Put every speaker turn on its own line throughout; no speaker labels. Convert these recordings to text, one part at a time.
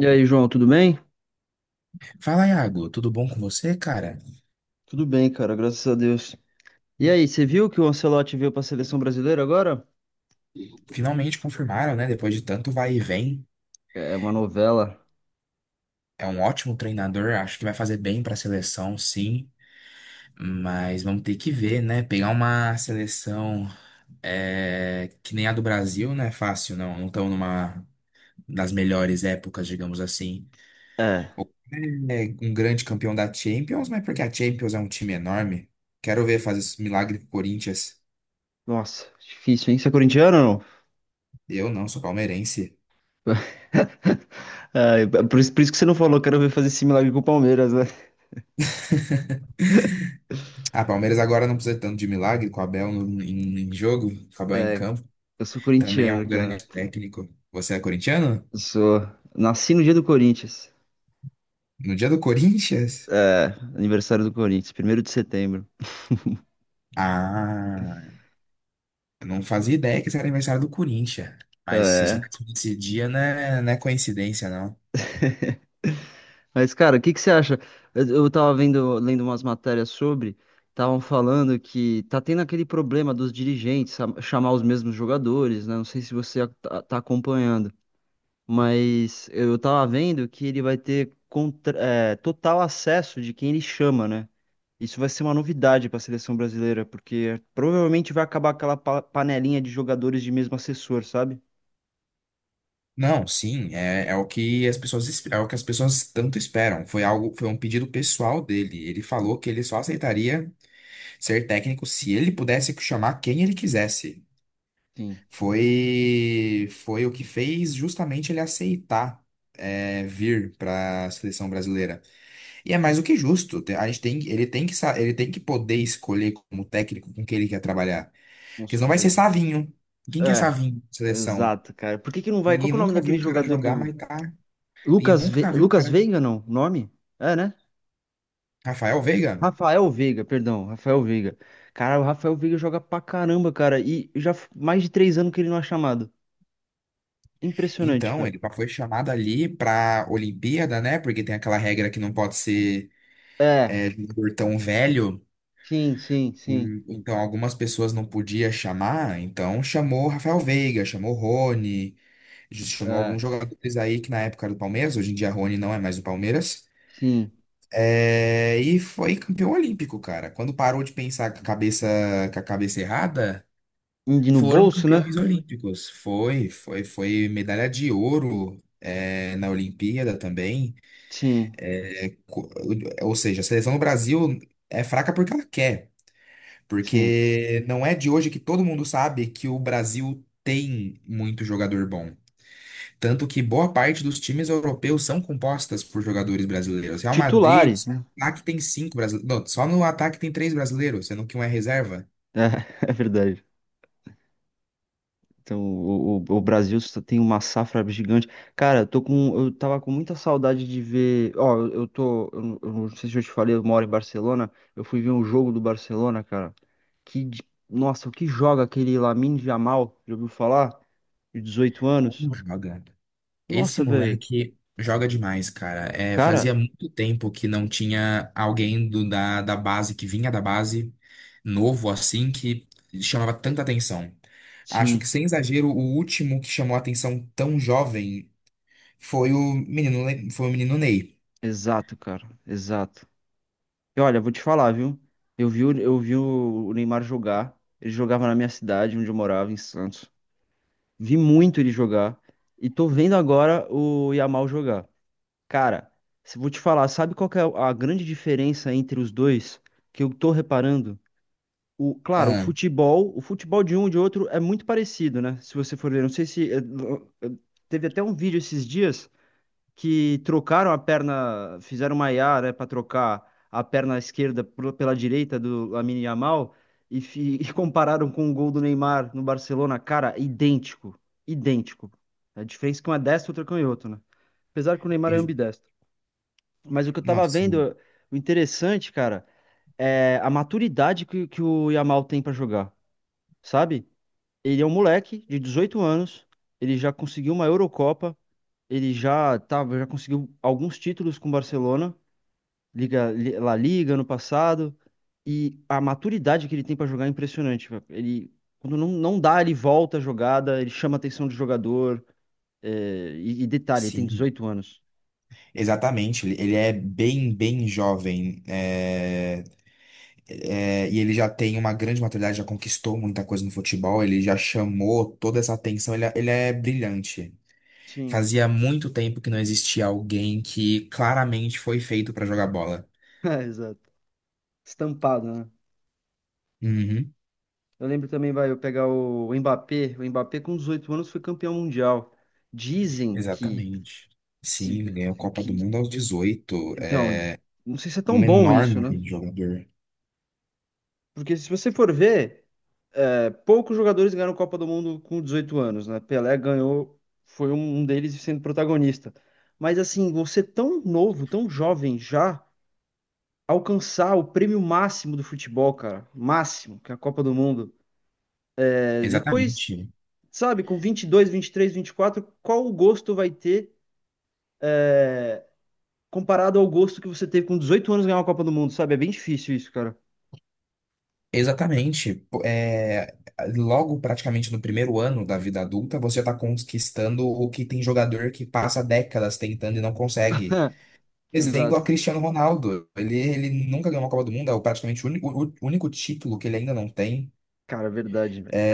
E aí, João, tudo bem?
Fala, Iago, tudo bom com você, cara?
Tudo bem, cara, graças a Deus. E aí, você viu que o Ancelotti veio pra seleção brasileira agora?
Finalmente confirmaram, né? Depois de tanto vai e vem.
É uma novela.
É um ótimo treinador, acho que vai fazer bem para a seleção, sim. Mas vamos ter que ver, né? Pegar uma seleção que nem a do Brasil não é fácil, não. Não estão numa das melhores épocas, digamos assim.
É,
É um grande campeão da Champions, mas porque a Champions é um time enorme. Quero ver fazer esse milagre pro Corinthians.
nossa, difícil, hein? Você é corintiano ou não?
Eu não, sou palmeirense.
É, por isso que você não falou, quero ver fazer esse milagre com o Palmeiras, né?
Ah, Palmeiras agora não precisa tanto de milagre com o Abel no, em, em jogo, com o Abel em
É,
campo.
eu sou
Também é um
corintiano,
grande
cara.
técnico. Você é corintiano?
Eu sou. Nasci no dia do Corinthians.
No dia do Corinthians?
É, aniversário do Corinthians, primeiro de setembro.
Ah, eu não fazia ideia que esse era aniversário do Corinthians. Mas se você
É.
nasceu dia, não é coincidência, não.
Mas, cara, o que que você acha? Eu tava vendo, lendo umas matérias sobre, estavam falando que tá tendo aquele problema dos dirigentes chamar os mesmos jogadores, né? Não sei se você tá acompanhando, mas eu tava vendo que ele vai ter total acesso de quem ele chama, né? Isso vai ser uma novidade para a seleção brasileira, porque provavelmente vai acabar aquela panelinha de jogadores de mesmo assessor, sabe?
Não, sim, é o que as pessoas, é o que as pessoas tanto esperam. Foi algo, foi um pedido pessoal dele. Ele falou que ele só aceitaria ser técnico se ele pudesse chamar quem ele quisesse.
Sim,
Foi o que fez justamente ele aceitar vir para a seleção brasileira. E é mais do que justo. A gente tem, ele tem que ele tem que poder escolher como técnico com quem ele quer trabalhar.
com
Porque senão vai ser
certeza.
Savinho. Quem que é
É,
Savinho? Seleção.
exato, cara. Por que que não vai? Qual
Ninguém
que é o nome
nunca viu
daquele
o cara
jogador
jogar,
do
mas tá. Ninguém
Lucas,
nunca viu o
Lucas
cara.
Veiga, não? O nome? É, né?
Rafael Veiga.
Rafael Veiga, perdão, Rafael Veiga. Cara, o Rafael Veiga joga pra caramba, cara. E já mais de 3 anos que ele não é chamado. Impressionante,
Então,
cara.
ele foi chamado ali pra Olimpíada, né? Porque tem aquela regra que não pode ser
É,
jogador tão velho.
sim.
Então, algumas pessoas não podia chamar, então chamou o Rafael Veiga, chamou o Rony, chamou
É,
alguns jogadores aí que na época era do Palmeiras, hoje em dia Rony não é mais do Palmeiras.
sim.
É, e foi campeão olímpico, cara. Quando parou de pensar com a cabeça errada,
Indi no
foram
bolso, né?
campeões olímpicos. Foi medalha de ouro, na Olimpíada também.
Sim,
Co- Ou seja, a seleção do Brasil é fraca porque ela quer.
sim.
Porque não é de hoje que todo mundo sabe que o Brasil tem muito jogador bom. Tanto que boa parte dos times europeus são compostas por jogadores brasileiros. Real Madrid,
Titulares,
só
né?
no ataque tem cinco brasileiros. Não, só no ataque tem três brasileiros, sendo que um é reserva.
É, é verdade. Então, o Brasil só tem uma safra gigante. Cara, eu tô com, eu tava com muita saudade de ver. Ó, eu tô. Eu não sei se eu te falei, eu moro em Barcelona. Eu fui ver um jogo do Barcelona, cara. Que, de- nossa, o que joga aquele Lamine Yamal? Já ouviu falar? De 18 anos.
Como joga? Esse
Nossa, velho.
moleque joga demais, cara. É,
Cara,
fazia muito tempo que não tinha alguém da base, que vinha da base, novo assim, que chamava tanta atenção. Acho que,
sim,
sem exagero, o último que chamou atenção tão jovem foi o menino, foi o menino Ney.
exato, cara, exato. E olha, vou te falar, viu? Eu vi o Neymar jogar. Ele jogava na minha cidade, onde eu morava, em Santos. Vi muito ele jogar e tô vendo agora o Yamal jogar. Cara, se vou te falar, sabe qual que é a grande diferença entre os dois que eu tô reparando? O, claro,
Ah,
o futebol de um e de outro é muito parecido, né? Se você for ver, não sei se eh, teve até um vídeo esses dias que trocaram a perna, fizeram uma IA, né, para trocar a perna esquerda pela direita do Lamine Yamal e, e compararam com o gol do Neymar no Barcelona, cara, idêntico, idêntico. A diferença é que um é destro, outro é canhoto, né? Apesar que o Neymar é
ex-
ambidestro. Mas o que eu
não,
tava
sim,
vendo, o interessante, cara, é a maturidade que o Yamal tem pra jogar, sabe? Ele é um moleque de 18 anos, ele já conseguiu uma Eurocopa, já conseguiu alguns títulos com o Barcelona, La Liga no passado, e a maturidade que ele tem para jogar é impressionante, velho. Ele, quando não dá, ele volta a jogada, ele chama a atenção do jogador. E detalhe, ele tem
sim,
18 anos.
Exatamente. Ele é bem jovem. E ele já tem uma grande maturidade, já conquistou muita coisa no futebol, ele já chamou toda essa atenção, ele é brilhante.
Sim,
Fazia muito tempo que não existia alguém que claramente foi feito para jogar bola.
é, exato. Estampado, né?
Uhum,
Eu lembro também, vai, eu pegar o Mbappé. O Mbappé, com 18 anos, foi campeão mundial. Dizem que,
exatamente. Sim,
se,
ganhou a Copa do
que.
Mundo aos 18. É
Então, não sei se é tão
um
bom isso,
enorme
né?
jogador.
Porque se você for ver, poucos jogadores ganharam Copa do Mundo com 18 anos, né? Pelé ganhou, foi um deles sendo protagonista. Mas assim, você tão novo, tão jovem já alcançar o prêmio máximo do futebol, cara, máximo, que é a Copa do Mundo. É, depois,
Exatamente.
sabe, com 22, 23, 24, qual o gosto vai ter comparado ao gosto que você teve com 18 anos ganhar uma Copa do Mundo, sabe? É bem difícil isso, cara.
Exatamente. Pô, logo, praticamente no primeiro ano da vida adulta, você já está conquistando o que tem jogador que passa décadas tentando e não consegue. Exemplo a
Exato.
Cristiano Ronaldo. Ele nunca ganhou uma Copa do Mundo, é o praticamente o único título que ele ainda não tem.
Cara, verdade, velho.
É,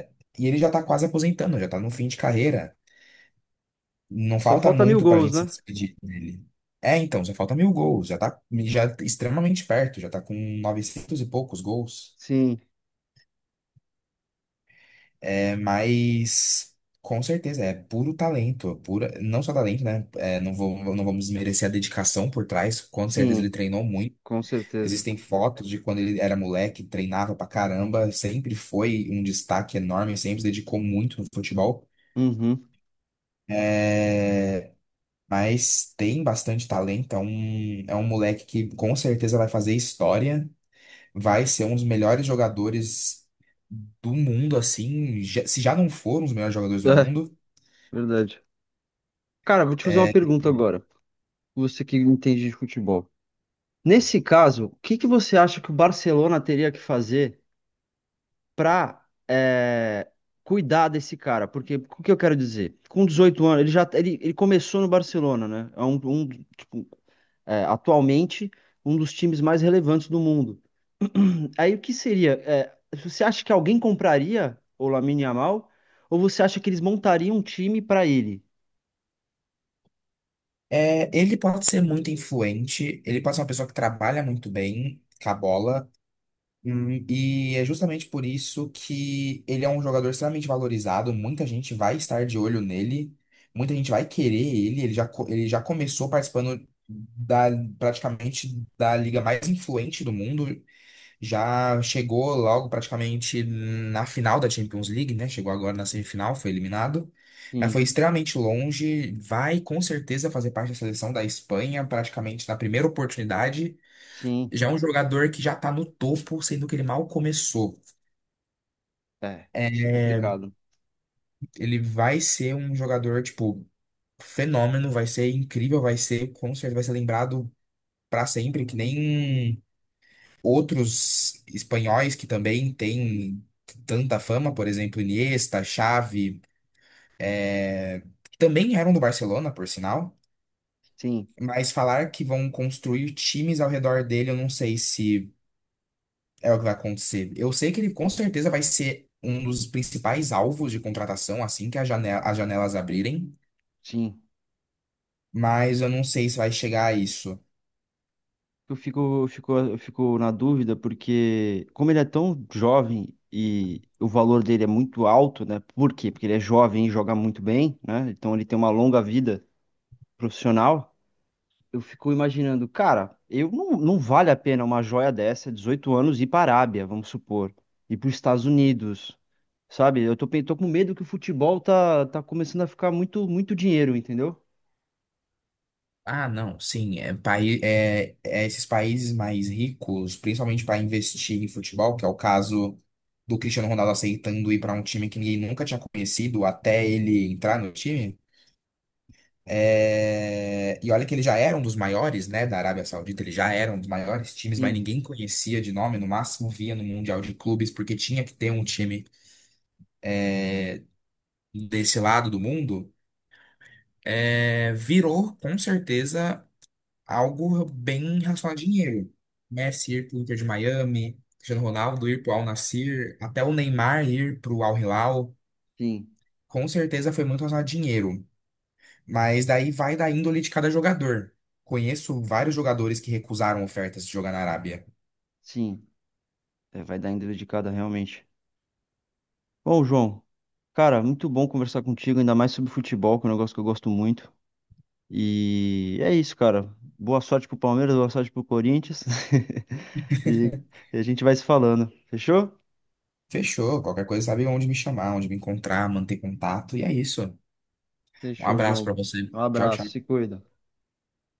é, e ele já tá quase aposentando, já tá no fim de carreira. Não
Só
falta
falta mil
muito pra
gols,
gente se
né?
despedir dele. É, então, já falta 1.000 gols, já tá extremamente perto, já tá com 900 e poucos gols.
Sim,
É, mas com certeza é puro talento, pura, não só talento, né? É, não vou, não vamos desmerecer a dedicação por trás, com certeza ele
sim,
treinou muito.
com certeza.
Existem fotos de quando ele era moleque, treinava pra caramba, sempre foi um destaque enorme, sempre se dedicou muito no futebol.
Uhum.
É, Mas tem bastante talento, é um moleque que com certeza vai fazer história, vai ser um dos melhores jogadores do mundo, assim, se já não for um dos melhores jogadores do mundo.
Verdade. Cara, vou te fazer uma
É,
pergunta agora. Você que entende de futebol. Nesse caso, o que que você acha que o Barcelona teria que fazer para cuidar desse cara? Porque o que eu quero dizer? Com 18 anos, ele já tá, ele começou no Barcelona, né? É um, tipo, é, atualmente um dos times mais relevantes do mundo. Aí o que seria? Você acha que alguém compraria o Lamine Yamal? Ou você acha que eles montariam um time para ele?
ele pode ser muito influente, ele pode ser uma pessoa que trabalha muito bem com a bola. E é justamente por isso que ele é um jogador extremamente valorizado. Muita gente vai estar de olho nele, muita gente vai querer ele. Ele já começou participando da, praticamente da liga mais influente do mundo. Já chegou logo praticamente na final da Champions League, né? Chegou agora na semifinal, foi eliminado. Mas
Sim,
foi extremamente longe. Vai com certeza fazer parte da seleção da Espanha, praticamente na primeira oportunidade.
sim.
Já é um jogador que já tá no topo, sendo que ele mal começou.
É,
É,
isso é complicado.
Ele vai ser um jogador, tipo, fenômeno, vai ser incrível, vai ser, com certeza, vai ser lembrado pra sempre, que nem outros espanhóis que também têm tanta fama, por exemplo, Iniesta, Xavi, é, que também eram do Barcelona, por sinal.
Sim,
Mas falar que vão construir times ao redor dele, eu não sei se é o que vai acontecer. Eu sei que ele com certeza vai ser um dos principais alvos de contratação assim que as janelas abrirem,
sim.
mas eu não sei se vai chegar a isso.
Eu fico na dúvida porque, como ele é tão jovem e o valor dele é muito alto, né? Por quê? Porque ele é jovem e joga muito bem, né? Então ele tem uma longa vida profissional. Eu fico imaginando, cara, eu não, não vale a pena uma joia dessa, 18 anos, ir para a Arábia, vamos supor, ir para os Estados Unidos, sabe? Tô com medo que o futebol tá começando a ficar muito dinheiro, entendeu?
Ah, não, sim, é esses países mais ricos, principalmente para investir em futebol, que é o caso do Cristiano Ronaldo aceitando ir para um time que ninguém nunca tinha conhecido até ele entrar no time. É, e olha que ele já era um dos maiores, né, da Arábia Saudita, ele já era um dos maiores times, mas
Sim,
ninguém conhecia de nome, no máximo via no Mundial de Clubes, porque tinha que ter um time desse lado do mundo. É, virou, com certeza, algo bem relacionado a dinheiro. Messi ir pro Inter de Miami, Cristiano Ronaldo ir pro Al Nassr, até o Neymar ir pro Al Hilal,
sim,
com certeza foi muito relacionado a dinheiro. Mas daí vai da índole de cada jogador. Conheço vários jogadores que recusaram ofertas de jogar na Arábia.
sim. É, vai dar em dedicada realmente. Ô, João, cara, muito bom conversar contigo, ainda mais sobre futebol, que é um negócio que eu gosto muito. E é isso, cara. Boa sorte pro Palmeiras, boa sorte pro Corinthians. E e a gente vai se falando. Fechou?
Fechou, qualquer coisa sabe onde me chamar, onde me encontrar, manter contato, e é isso. Um
Fechou,
abraço
João.
pra você.
Um
Tchau,
abraço,
tchau.
se cuida.